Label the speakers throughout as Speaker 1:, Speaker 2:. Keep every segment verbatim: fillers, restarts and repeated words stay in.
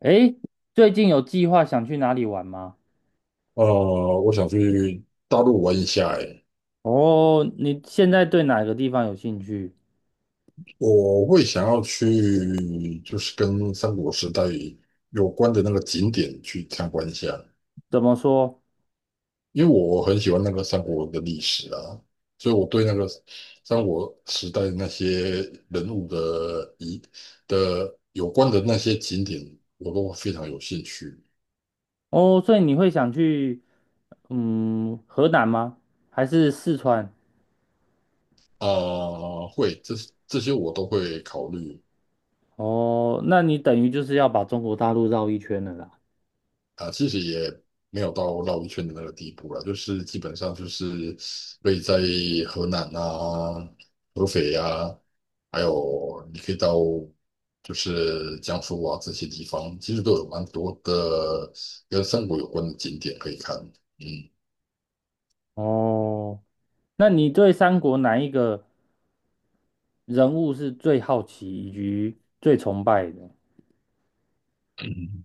Speaker 1: 诶，最近有计划想去哪里玩吗？
Speaker 2: 呃，我想去大陆玩一下，诶，
Speaker 1: 哦，你现在对哪个地方有兴趣？
Speaker 2: 我会想要去就是跟三国时代有关的那个景点去参观一下，
Speaker 1: 怎么说？
Speaker 2: 因为我很喜欢那个三国的历史啊，所以我对那个三国时代那些人物的一的有关的那些景点，我都非常有兴趣
Speaker 1: 哦，所以你会想去，嗯，河南吗？还是四川？
Speaker 2: 啊，会，这这些我都会考虑。
Speaker 1: 哦，那你等于就是要把中国大陆绕一圈了啦。
Speaker 2: 啊，其实也没有到绕一圈的那个地步了，就是基本上就是以在河南啊、合肥啊，还有你可以到就是江苏啊这些地方，其实都有蛮多的跟三国有关的景点可以看。嗯，
Speaker 1: 哦，那你对三国哪一个人物是最好奇以及最崇拜的？
Speaker 2: 嗯，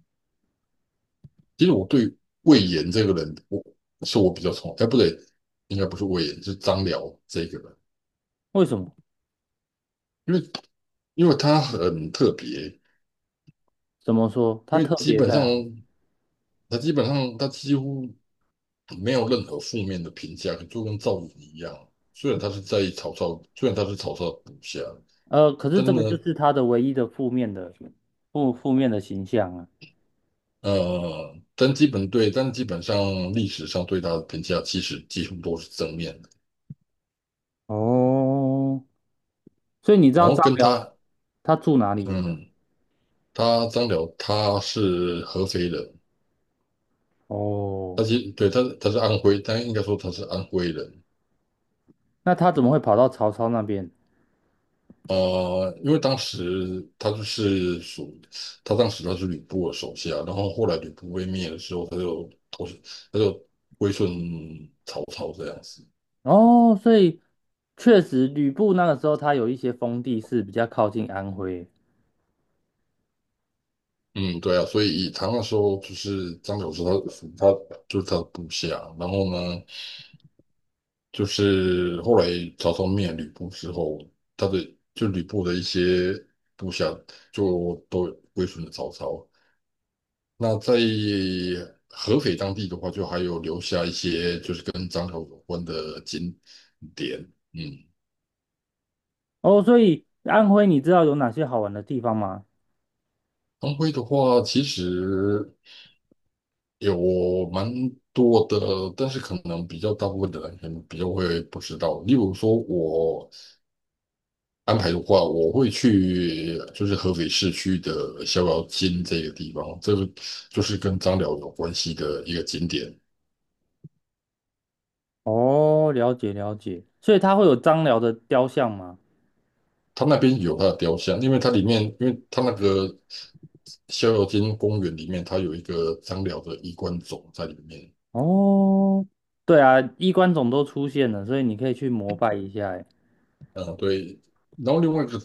Speaker 2: 其实我对魏延这个人，我是我比较崇，哎，不对，应该不是魏延，是张辽这个人，
Speaker 1: 为什么？
Speaker 2: 因为因为他很特别，
Speaker 1: 怎么说？他
Speaker 2: 因为
Speaker 1: 特
Speaker 2: 基
Speaker 1: 别
Speaker 2: 本
Speaker 1: 在
Speaker 2: 上。
Speaker 1: 哪里
Speaker 2: 他基本上他几乎没有任何负面的评价，就跟赵云一样。虽然他是在曹操，虽然他是曹操的部下，
Speaker 1: 呃，可是
Speaker 2: 但是
Speaker 1: 这
Speaker 2: 呢，
Speaker 1: 个就是他的唯一的负面的负负面的形象啊。
Speaker 2: 呃，但基本对，但基本上历史上对他的评价其实几乎都是正面的。
Speaker 1: 哦，所以你知
Speaker 2: 然
Speaker 1: 道
Speaker 2: 后
Speaker 1: 张
Speaker 2: 跟
Speaker 1: 辽
Speaker 2: 他，
Speaker 1: 他住哪里吗？
Speaker 2: 嗯，他张辽他是合肥人，
Speaker 1: 哦，
Speaker 2: 他其实对他他是安徽，但应该说他是安徽人。
Speaker 1: 那他怎么会跑到曹操那边？
Speaker 2: 呃，因为当时他就是属，他当时他是吕布的手下，然后后来吕布被灭的时候，他就投，他就归顺曹操这样子。
Speaker 1: 哦，所以确实吕布那个时候他有一些封地是比较靠近安徽。
Speaker 2: 嗯，对啊，所以他那时候就是张角是他他就是他的部下，然后呢，就是后来曹操灭吕布之后，他的就吕布的一些部下就都归顺了曹操。那在合肥当地的话，就还有留下一些就是跟张辽有关的景点。嗯，
Speaker 1: 哦，所以安徽你知道有哪些好玩的地方吗？
Speaker 2: 安徽的话，其实有蛮多的，但是可能比较大部分的人可能比较会不知道。例如说，我安排的话，我会去就是合肥市区的逍遥津这个地方，这个就是跟张辽有关系的一个景点。
Speaker 1: 哦，了解了解，所以他会有张辽的雕像吗？
Speaker 2: 它那边有它的雕像，因为它里面，因为它那个逍遥津公园里面，它有一个张辽的衣冠冢在里面。
Speaker 1: 哦，对啊，衣冠冢都出现了，所以你可以去膜拜一下欸。
Speaker 2: 嗯，对。然后另外一个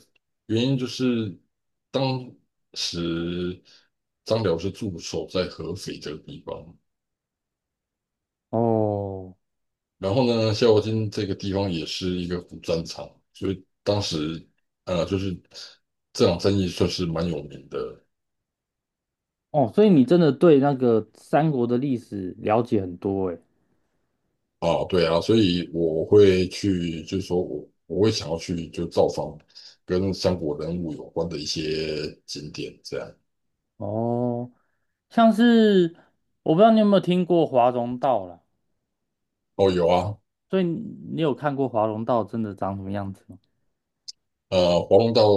Speaker 2: 原因就是，当时张辽是驻守在合肥这个地方，
Speaker 1: 哦
Speaker 2: 然后呢，逍遥津这个地方也是一个古战场，所以当时呃，就是这场战役算是蛮有名的。
Speaker 1: 哦，所以你真的对那个三国的历史了解很多哎。
Speaker 2: 啊，对啊，所以我会去，就是说我我会想要去就造访跟三国人物有关的一些景点，这样。
Speaker 1: 哦，像是我不知道你有没有听过华容道啦，
Speaker 2: 哦，有啊，
Speaker 1: 所以你你有看过华容道真的长什么样子吗？
Speaker 2: 呃，黄龙道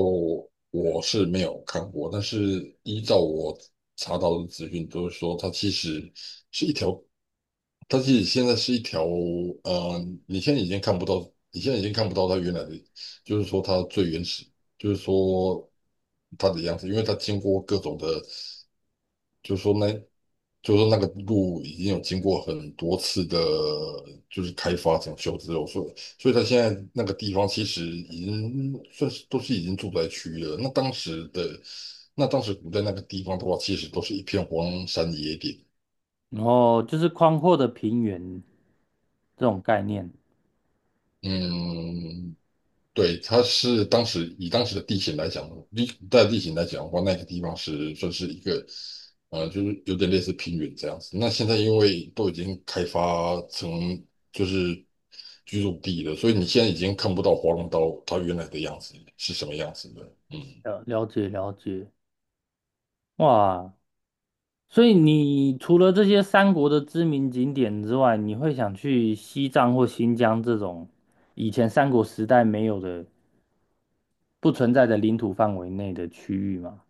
Speaker 2: 我是没有看过，但是依照我查到的资讯，都是说它其实它其实现在是一条，呃，你现在已经看不到，你现在已经看不到它原来的，就是说它最原始，就是说它的样子，因为它经过各种的。就是说那，就是说那个路已经有经过很多次的，就是开发整修之后，所以所以它现在那个地方其实已经算是都是已经住宅区了。那当时的，那当时古代那个地方的话，其实都是一片荒山野岭。
Speaker 1: 然后就是宽阔的平原这种概念，
Speaker 2: 嗯，对，它是当时以当时的地形来讲，地在地形来讲的话，那个地方是算是一个，呃，就是有点类似平原这样子。那现在因为都已经开发成就是居住地了，所以你现在已经看不到华龙岛它原来的样子是什么样子的。嗯，
Speaker 1: 了了解了解。哇，所以你除了这些三国的知名景点之外，你会想去西藏或新疆这种以前三国时代没有的、不存在的领土范围内的区域吗？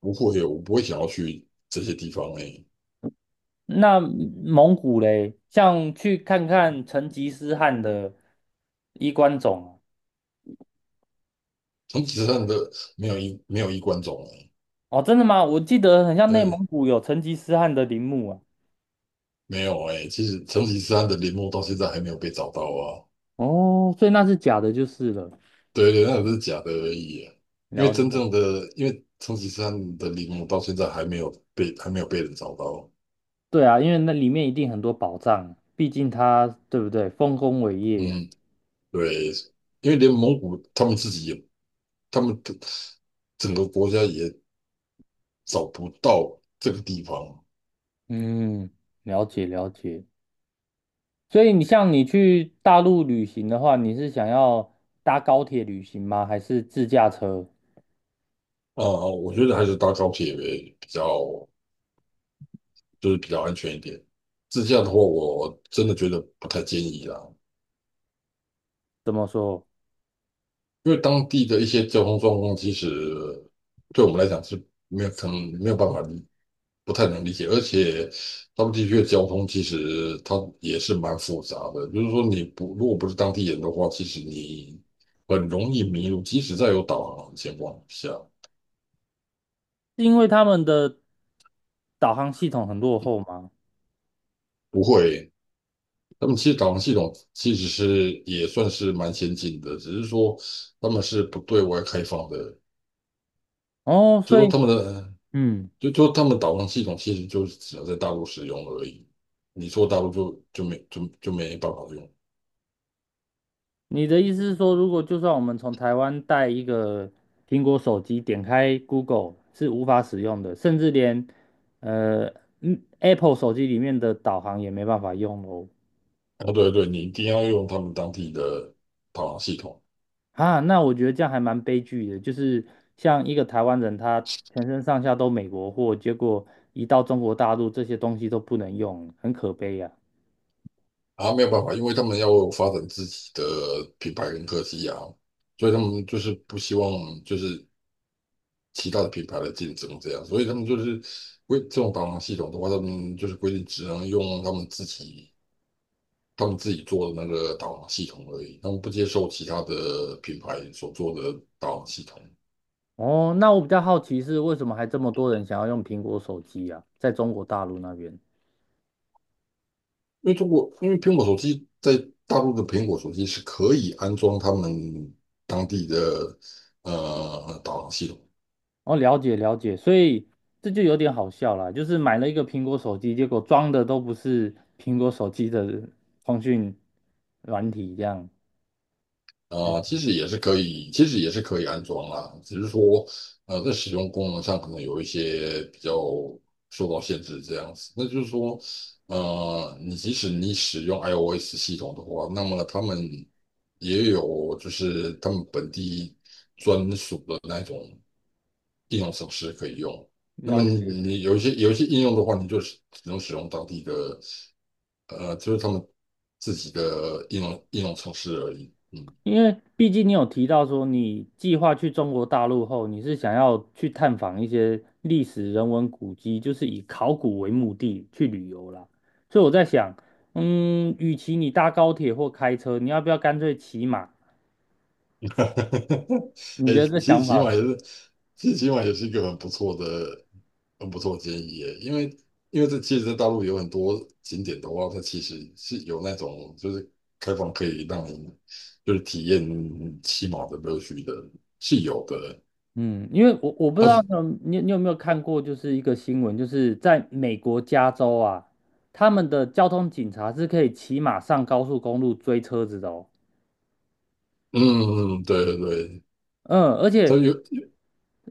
Speaker 2: 不会，我不会想要去这些地方诶、
Speaker 1: 那蒙古嘞，像去看看成吉思汗的衣冠冢
Speaker 2: 成吉思汗的没有一没有衣冠冢。诶、
Speaker 1: 啊。哦，真的吗？我记得很像内蒙
Speaker 2: 对，
Speaker 1: 古有成吉思汗的陵墓啊。
Speaker 2: 没有诶、其实成吉思汗的陵墓到现在还没有被找到啊。
Speaker 1: 哦，所以那是假的，就是了。
Speaker 2: 对对，那只是假的而已啊因为
Speaker 1: 了
Speaker 2: 真
Speaker 1: 解。
Speaker 2: 正的，因为成吉思汗的陵墓到现在还没有被还没有被人找到。
Speaker 1: 对啊，因为那里面一定很多宝藏啊，毕竟他，对不对？丰功伟业。
Speaker 2: 嗯，对，因为连蒙古他们自己也，他们的整个国家也找不到这个地方
Speaker 1: 嗯，了解了解。所以你像你去大陆旅行的话，你是想要搭高铁旅行吗？还是自驾车？
Speaker 2: 啊。我觉得还是搭高铁为比较，就是比较安全一点。自驾的话，我真的觉得不太建议啦，
Speaker 1: 怎么说？
Speaker 2: 因为当地的一些交通状况，其实对我们来讲是没有可能没有办法不太能理解，而且他们地区的交通其实它也是蛮复杂的，就是说你不如果不是当地人的话，其实你很容易迷路，即使在有导航的情况下，
Speaker 1: 是因为他们的导航系统很落后吗？
Speaker 2: 不会。他们其实导航系统其实是也算是蛮先进的，只是说他们是不对外开放的，
Speaker 1: 哦，
Speaker 2: 就
Speaker 1: 所
Speaker 2: 说
Speaker 1: 以，
Speaker 2: 他们的
Speaker 1: 嗯，
Speaker 2: 就就他们导航系统其实就是只能在大陆使用而已，你说大陆就就没就就没办法用。
Speaker 1: 你的意思是说，如果就算我们从台湾带一个苹果手机，点开 Google 是无法使用的，甚至连呃嗯 Apple 手机里面的导航也没办法用哦。
Speaker 2: 啊，对对，你一定要用他们当地的导航系统
Speaker 1: 啊，那我觉得这样还蛮悲剧的，就是像一个台湾人，他全身上下都美国货，结果一到中国大陆，这些东西都不能用，很可悲呀、
Speaker 2: 啊，没有办法，因为他们要发展自己的品牌跟科技啊，所以他们就是不希望就是其他的品牌来竞争这样，所以他们就是规这种导航系统的话，他们就是规定只能用他们自己他们自己做的那个导航系统而已，他们不接受其他的品牌所做的导航系统。
Speaker 1: 哦，那我比较好奇是为什么还这么多人想要用苹果手机啊？在中国大陆那边，
Speaker 2: 因为中国，因为苹果手机在大陆的苹果手机是可以安装他们当地的呃导航系统
Speaker 1: 哦，了解了解，所以这就有点好笑了，就是买了一个苹果手机，结果装的都不是苹果手机的通讯软体，这样
Speaker 2: 啊、其实也是可以，其实也是可以安装啦，只是说呃在使用功能上可能有一些比较受到限制这样子。那就是说，呃，你即使你使用 i o s 系统的话，那么他们也有就是他们本地专属的那种，应用程式可以用。那
Speaker 1: 了
Speaker 2: 么你
Speaker 1: 解。
Speaker 2: 你有一些有一些应用的话，你就只能使用当地的，呃，就是他们自己的应用应用程式而已。嗯，
Speaker 1: 因为毕竟你有提到说，你计划去中国大陆后，你是想要去探访一些历史人文古迹，就是以考古为目的去旅游啦。所以我在想，嗯，与其你搭高铁或开车，你要不要干脆骑马？你
Speaker 2: 哎，
Speaker 1: 觉得这
Speaker 2: 其实
Speaker 1: 想
Speaker 2: 起
Speaker 1: 法
Speaker 2: 码
Speaker 1: 呢？
Speaker 2: 也是，其实起码也是一个很不错的、很不错的建议耶。因为因为这其实，在大陆有很多景点的话，它其实是有那种就是开放可以让你就是体验骑马的乐趣的，是有的。
Speaker 1: 嗯，因为我我不知
Speaker 2: 啊，
Speaker 1: 道你你有没有看过，就是一个新闻，就是在美国加州啊，他们的交通警察是可以骑马上高速公路追车子的哦。
Speaker 2: 嗯，对对对，
Speaker 1: 嗯，而
Speaker 2: 它
Speaker 1: 且
Speaker 2: 有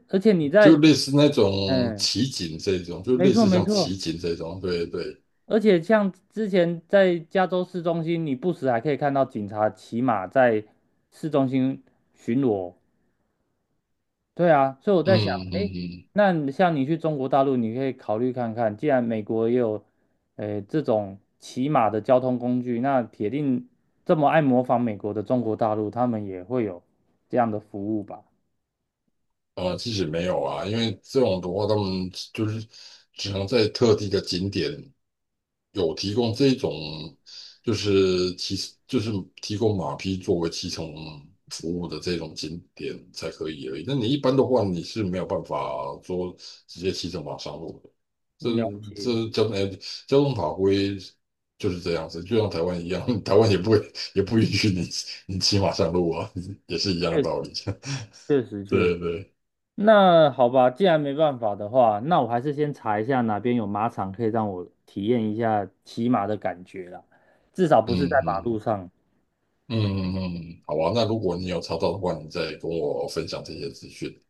Speaker 1: 而且你
Speaker 2: 就
Speaker 1: 在
Speaker 2: 类似那种
Speaker 1: 嗯。
Speaker 2: 奇景这种，就
Speaker 1: 没
Speaker 2: 类
Speaker 1: 错
Speaker 2: 似
Speaker 1: 没
Speaker 2: 像
Speaker 1: 错，
Speaker 2: 奇景这种，对对，
Speaker 1: 而且像之前在加州市中心，你不时还可以看到警察骑马在市中心巡逻。对啊，所以我在想，
Speaker 2: 嗯
Speaker 1: 哎，
Speaker 2: 嗯
Speaker 1: 那你像你去中国大陆，你可以考虑看看，既然美国也有，诶，这种骑马的交通工具，那铁定这么爱模仿美国的中国大陆，他们也会有这样的服务吧？
Speaker 2: 嗯，呃，其实没有啊，因为这种的话，他们就是只能在特定的景点有提供这一种就是骑就是提供马匹作为骑乘服务的这种景点才可以而已。那你一般的话，你是没有办法说直接骑着马上路的。这
Speaker 1: 嗯了解，
Speaker 2: 这交哎交通法规就是这样子，就像台湾一样，台湾也不会也不允许你你骑马上路啊，也是一样的
Speaker 1: 确
Speaker 2: 道
Speaker 1: 实
Speaker 2: 理。
Speaker 1: 确实 确实。
Speaker 2: 对对，
Speaker 1: 那好吧，既然没办法的话，那我还是先查一下哪边有马场可以让我体验一下骑马的感觉了，至少
Speaker 2: 嗯
Speaker 1: 不是在马路
Speaker 2: 嗯
Speaker 1: 上。
Speaker 2: 嗯嗯嗯，好啊。那如果你有查到的话，你再跟我分享这些资讯。